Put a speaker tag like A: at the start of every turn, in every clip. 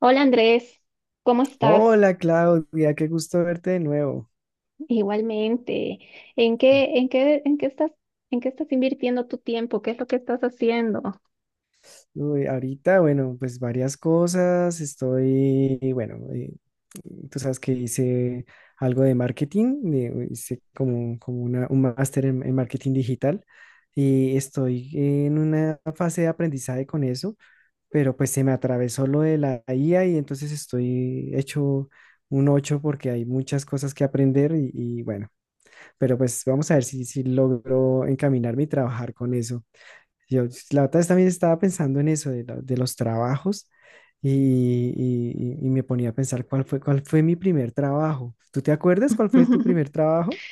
A: Hola Andrés, ¿cómo estás?
B: Hola Claudia, qué gusto verte de nuevo.
A: Igualmente, ¿en qué estás, en qué estás invirtiendo tu tiempo? ¿Qué es lo que estás haciendo?
B: Uy, ahorita, bueno, pues varias cosas. Estoy, bueno, tú sabes que hice algo de marketing, hice como un máster en marketing digital y estoy en una fase de aprendizaje con eso, pero pues se me atravesó lo de la IA y entonces estoy hecho un 8 porque hay muchas cosas que aprender y bueno, pero pues vamos a ver si logro encaminarme y trabajar con eso. Yo, la otra vez también estaba pensando en eso, de los trabajos, y me ponía a pensar cuál fue mi primer trabajo. ¿Tú te acuerdas cuál fue tu primer trabajo?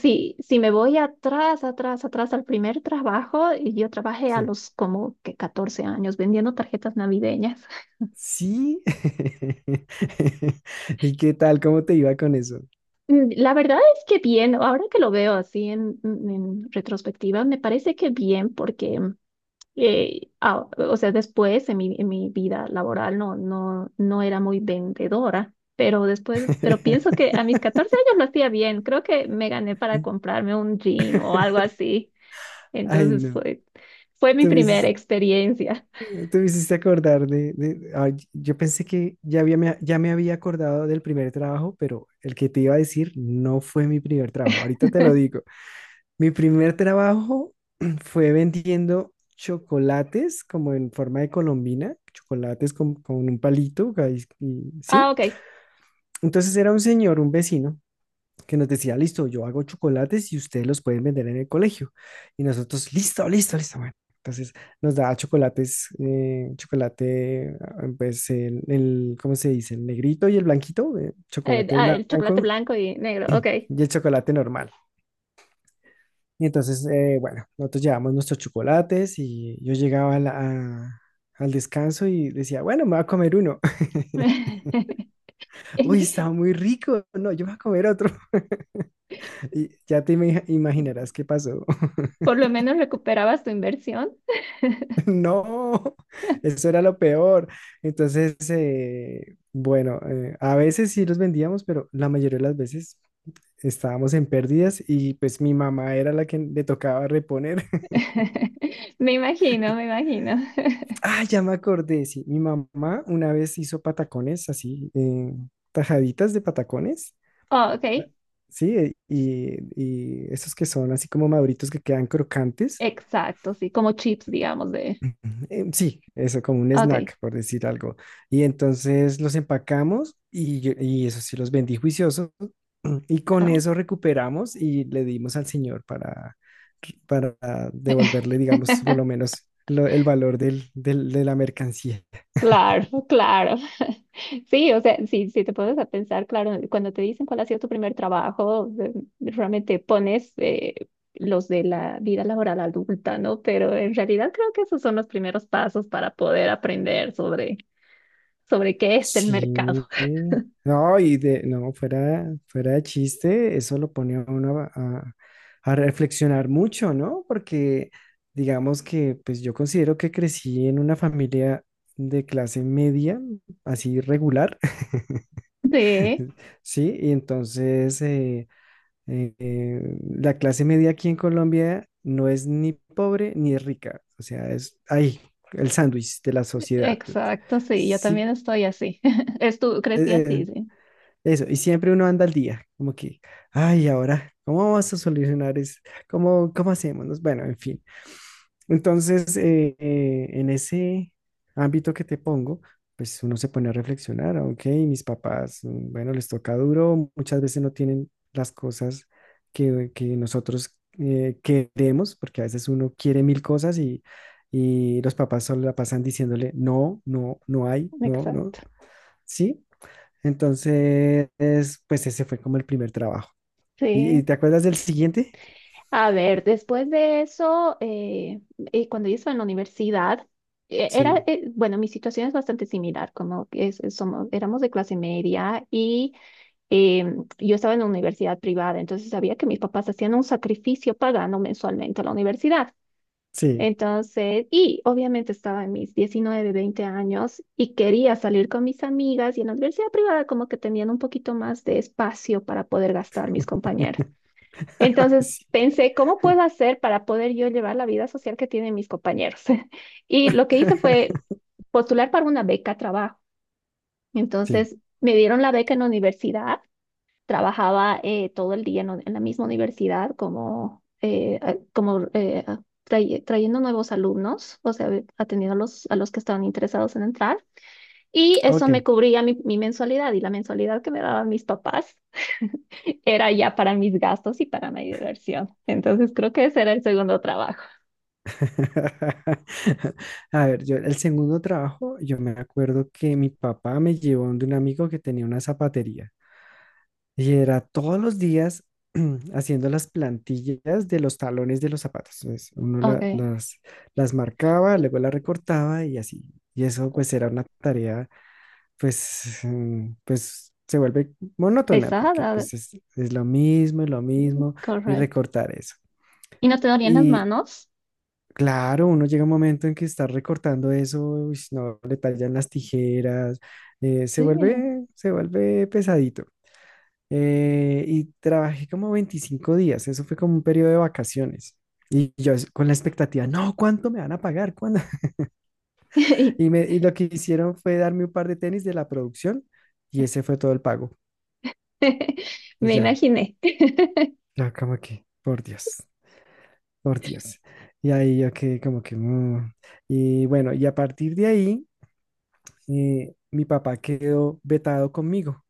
A: Sí, si me voy atrás al primer trabajo, y yo trabajé a
B: Sí.
A: los como que 14 años vendiendo tarjetas navideñas.
B: Sí. ¿Y qué tal? ¿Cómo te iba con eso?
A: Mm, la verdad es que bien. Ahora que lo veo así en retrospectiva, me parece que bien porque o sea, después en mi vida laboral no, no, no era muy vendedora, pero después, pero pienso que a mis 14 años lo hacía bien. Creo que me gané para comprarme un jean o algo así.
B: Ay,
A: Entonces
B: no.
A: fue, fue mi
B: Tú me
A: primera
B: hiciste,
A: experiencia.
B: tú me hiciste acordar ay, yo pensé que ya había, ya me había acordado del primer trabajo, pero el que te iba a decir no fue mi primer trabajo. Ahorita te lo digo. Mi primer trabajo fue vendiendo chocolates como en forma de colombina, chocolates con un palito, ahí- y- ¿sí?
A: Ah, ok.
B: Entonces era un señor, un vecino, que nos decía, listo, yo hago chocolates y ustedes los pueden vender en el colegio. Y nosotros, listo, listo, listo, bueno. Entonces nos daba chocolates, chocolate, ah, pues ¿cómo se dice? El negrito y el blanquito, chocolate
A: El chocolate
B: blanco
A: blanco y negro, ok.
B: y el chocolate normal. Y entonces, bueno, nosotros llevamos nuestros chocolates y yo llegaba a al descanso y decía, bueno, me voy a comer uno. Uy, está muy rico. No, yo me voy a comer otro. Y ya te imaginarás qué pasó.
A: Por lo menos recuperabas tu inversión.
B: No, eso era lo peor. Entonces, bueno, a veces sí los vendíamos, pero la mayoría de las veces estábamos en pérdidas y pues mi mamá era la que le tocaba reponer.
A: Me imagino, me imagino.
B: Ah, ya me acordé, sí. Mi mamá una vez hizo patacones así, tajaditas de patacones.
A: Ah, ok.
B: Ah, Sí, y esos que son así como maduritos que quedan crocantes.
A: Exacto, sí, como chips, digamos.
B: Sí, eso como un
A: Ok.
B: snack, por decir algo. Y entonces los empacamos y eso sí los vendí juicioso. Y con
A: Ah.
B: eso recuperamos y le dimos al señor para devolverle, digamos, por lo menos el valor de la mercancía.
A: Claro, claro. Sí, o sea, si, si te pones a pensar, claro, cuando te dicen cuál ha sido tu primer trabajo, realmente pones los de la vida laboral adulta, ¿no? Pero en realidad creo que esos son los primeros pasos para poder aprender sobre, sobre qué es el mercado.
B: Sí, no, fuera de chiste, eso lo pone a uno a reflexionar mucho, ¿no? Porque digamos que, pues yo considero que crecí en una familia de clase media, así regular,
A: Sí,
B: ¿sí? Y entonces la clase media aquí en Colombia no es ni pobre ni rica, o sea, es ahí, el sándwich de la sociedad.
A: exacto, sí, yo también
B: Sí,
A: estoy así. Estu crecí
B: eh,
A: así,
B: eh,
A: sí.
B: eso, y siempre uno anda al día, como que, ay, ahora, ¿cómo vamos a solucionar eso? Cómo hacemos? Nos- Bueno, en fin. Entonces, en ese ámbito que te pongo, pues uno se pone a reflexionar, ok, mis papás, mm, bueno, les toca duro, muchas veces no tienen las cosas que nosotros queremos, porque a veces uno quiere mil cosas y los papás solo la pasan diciéndole, no, no, no hay, no, no,
A: Exacto.
B: ¿sí? Entonces, pues ese fue como el primer trabajo. Y
A: Sí.
B: te acuerdas del siguiente?
A: A ver, después de eso, cuando yo estaba en la universidad, era,
B: Sí,
A: bueno, mi situación es bastante similar, como que es- somos, éramos de clase media y eh, yo estaba en una universidad privada, entonces sabía que mis papás hacían un sacrificio pagando mensualmente a la universidad.
B: sí,
A: Entonces, y obviamente estaba en mis 19, 20 años y quería salir con mis amigas, y en la universidad privada como que tenían un poquito más de espacio para poder gastar mis compañeros. Entonces
B: sí,
A: pensé, ¿cómo puedo hacer para poder yo llevar la vida social que tienen mis compañeros? Y lo que hice fue postular para una beca a trabajo.
B: sí,
A: Entonces me dieron la beca en la universidad. Trabajaba todo el día en la misma universidad como, trayendo nuevos alumnos, o sea, atendiendo a los que estaban interesados en entrar. Y eso me
B: ok.
A: cubría mi, mi mensualidad, y la mensualidad que me daban mis papás era ya para mis gastos y para mi diversión. Entonces creo que ese era el segundo trabajo.
B: A ver, yo el segundo trabajo, yo me acuerdo que mi papá me llevó de un amigo que tenía una zapatería y era todos los días haciendo las plantillas de los talones de los zapatos. Entonces, uno
A: Ok.
B: las marcaba, luego las recortaba y así. Y eso pues era una tarea pues, mm, pues se vuelve monótona porque
A: Pesada,
B: pues es lo mismo y
A: correcto.
B: recortar eso.
A: ¿Y no te dolían las
B: Y
A: manos?
B: claro, uno llega a un momento en que está recortando eso, uy, no, le tallan las tijeras,
A: Sí.
B: se vuelve pesadito. Y trabajé como 25 días, eso fue como un periodo de vacaciones. Y yo con la expectativa, no, ¿cuánto me van a pagar? ¿Cuándo? Y lo que hicieron fue darme un par de tenis de la producción y ese fue todo el pago. Y
A: Me
B: yo,
A: imaginé.
B: ya como que, por Dios, por Dios. Y ahí yo que como que... mm. Y bueno, y a partir de ahí, mi papá quedó vetado conmigo.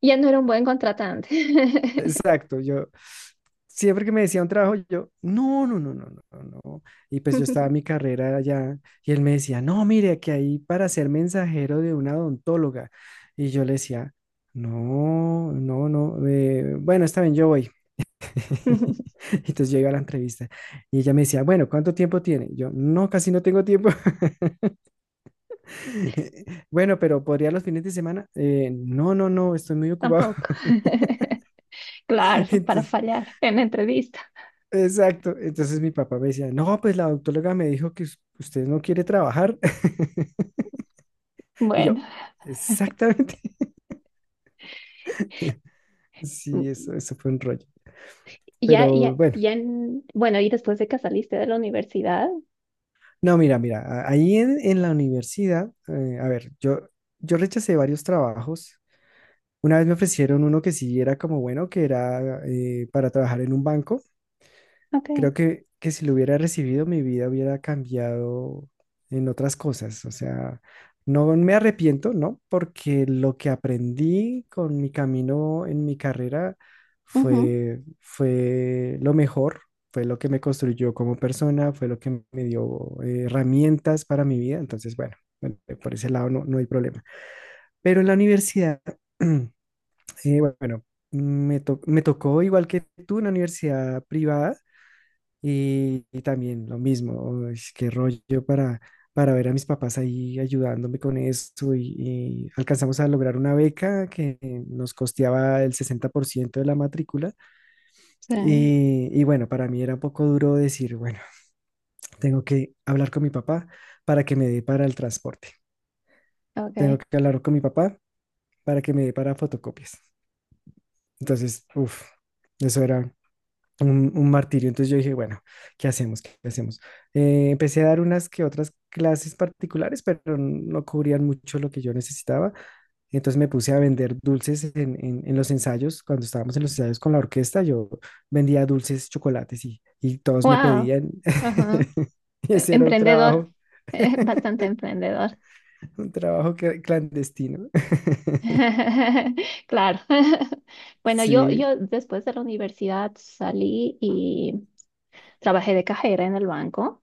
A: Ya no era un buen contratante.
B: Exacto, yo siempre que me decía un trabajo, yo, no, no, no, no, no, no. Y pues yo estaba en mi carrera allá y él me decía, no, mire, que ahí para ser mensajero de una odontóloga. Y yo le decía, no, no, no, bueno, está bien, yo voy. Entonces yo iba a la entrevista y ella me decía, bueno, ¿cuánto tiempo tiene? Yo, no, casi no tengo tiempo. Bueno, pero ¿podría los fines de semana? No, no, no, estoy muy ocupado.
A: Tampoco. Claro, para
B: Entonces,
A: fallar en la entrevista.
B: exacto. Entonces mi papá me decía, no, pues la doctóloga me dijo que usted no quiere trabajar. Y
A: Bueno,
B: yo, exactamente. Sí,
A: mm,
B: eso fue un rollo.
A: ya,
B: Pero
A: ya,
B: bueno,
A: ya, bueno, ¿y después de que saliste de la universidad?
B: no, mira, mira, ahí en la universidad, a ver, yo rechacé varios trabajos. Una vez me ofrecieron uno que sí era como bueno, que era para trabajar en un banco.
A: Ok.
B: Creo que si lo hubiera recibido, mi vida hubiera cambiado en otras cosas. O sea, no me arrepiento, ¿no? Porque lo que aprendí con mi camino en mi carrera
A: Ujú.
B: fue, fue lo mejor, fue lo que me construyó como persona, fue lo que me dio herramientas para mi vida. Entonces, bueno, bueno, por ese lado no, no hay problema. Pero en la universidad... bueno, me tocó igual que tú una universidad privada y también lo mismo, uy, qué rollo para ver a mis papás ahí ayudándome con eso y alcanzamos a lograr una beca que nos costeaba el 60% de la matrícula
A: Sí.
B: y bueno, para mí era un poco duro decir, bueno, tengo que hablar con mi papá para que me dé para el transporte, tengo
A: Okay.
B: que hablar con mi papá para que me dé para fotocopias. Entonces, uff, eso era un martirio. Entonces yo dije, bueno, ¿qué hacemos? ¿Qué hacemos? Empecé a dar unas que otras clases particulares, pero no cubrían mucho lo que yo necesitaba. Entonces me puse a vender dulces en los ensayos. Cuando estábamos en los ensayos con la orquesta, yo vendía dulces, chocolates y todos me
A: Wow.
B: pedían.
A: Ajá.
B: Y ese era un
A: Emprendedor.
B: trabajo,
A: Bastante emprendedor.
B: un trabajo que- clandestino.
A: Claro. Bueno, yo,
B: Sí,
A: yo después de la universidad salí y trabajé de cajera en el banco,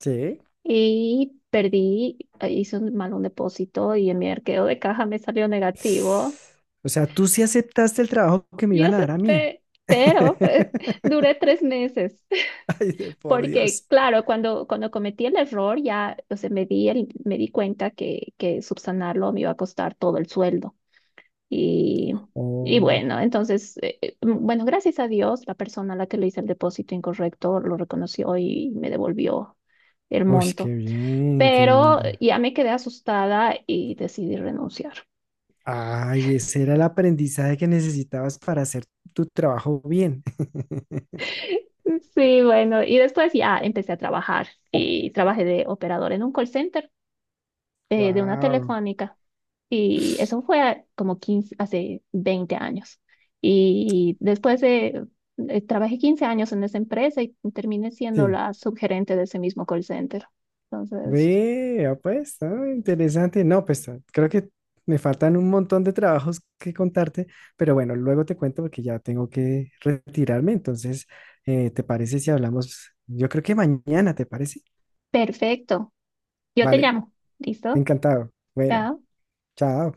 B: sí.
A: y perdí, hice un mal un depósito y en mi arqueo de caja me salió negativo,
B: O sea, tú sí aceptaste el trabajo que me
A: y
B: iban a dar a mí.
A: acepté, pero duré 3 meses.
B: Ay, de por
A: Porque,
B: Dios.
A: claro, cuando, cuando cometí el error, ya, o sea, me di, me di cuenta que subsanarlo me iba a costar todo el sueldo. Y, y
B: Oh,
A: bueno, entonces, bueno, gracias a Dios, la persona a la que le hice el depósito incorrecto lo reconoció y me devolvió el
B: uy,
A: monto.
B: qué bien, qué
A: Pero
B: bien.
A: ya me quedé asustada y decidí renunciar.
B: Ay, ese era el aprendizaje que necesitabas para hacer tu trabajo bien.
A: Sí, bueno, y después ya empecé a trabajar y trabajé de operador en un call center, de una
B: Wow,
A: telefónica. Y eso fue como 15 hace 20 años. Y después de, trabajé 15 años en esa empresa y terminé siendo
B: sí.
A: la subgerente de ese mismo call center. Entonces,
B: Vea, pues, ah, interesante. No, pues ah, creo que me faltan un montón de trabajos que contarte, pero bueno, luego te cuento porque ya tengo que retirarme. Entonces, ¿te parece si hablamos? Yo creo que mañana, ¿te parece?
A: perfecto. Yo te
B: Vale,
A: llamo. ¿Listo?
B: encantado. Bueno,
A: Ya
B: chao.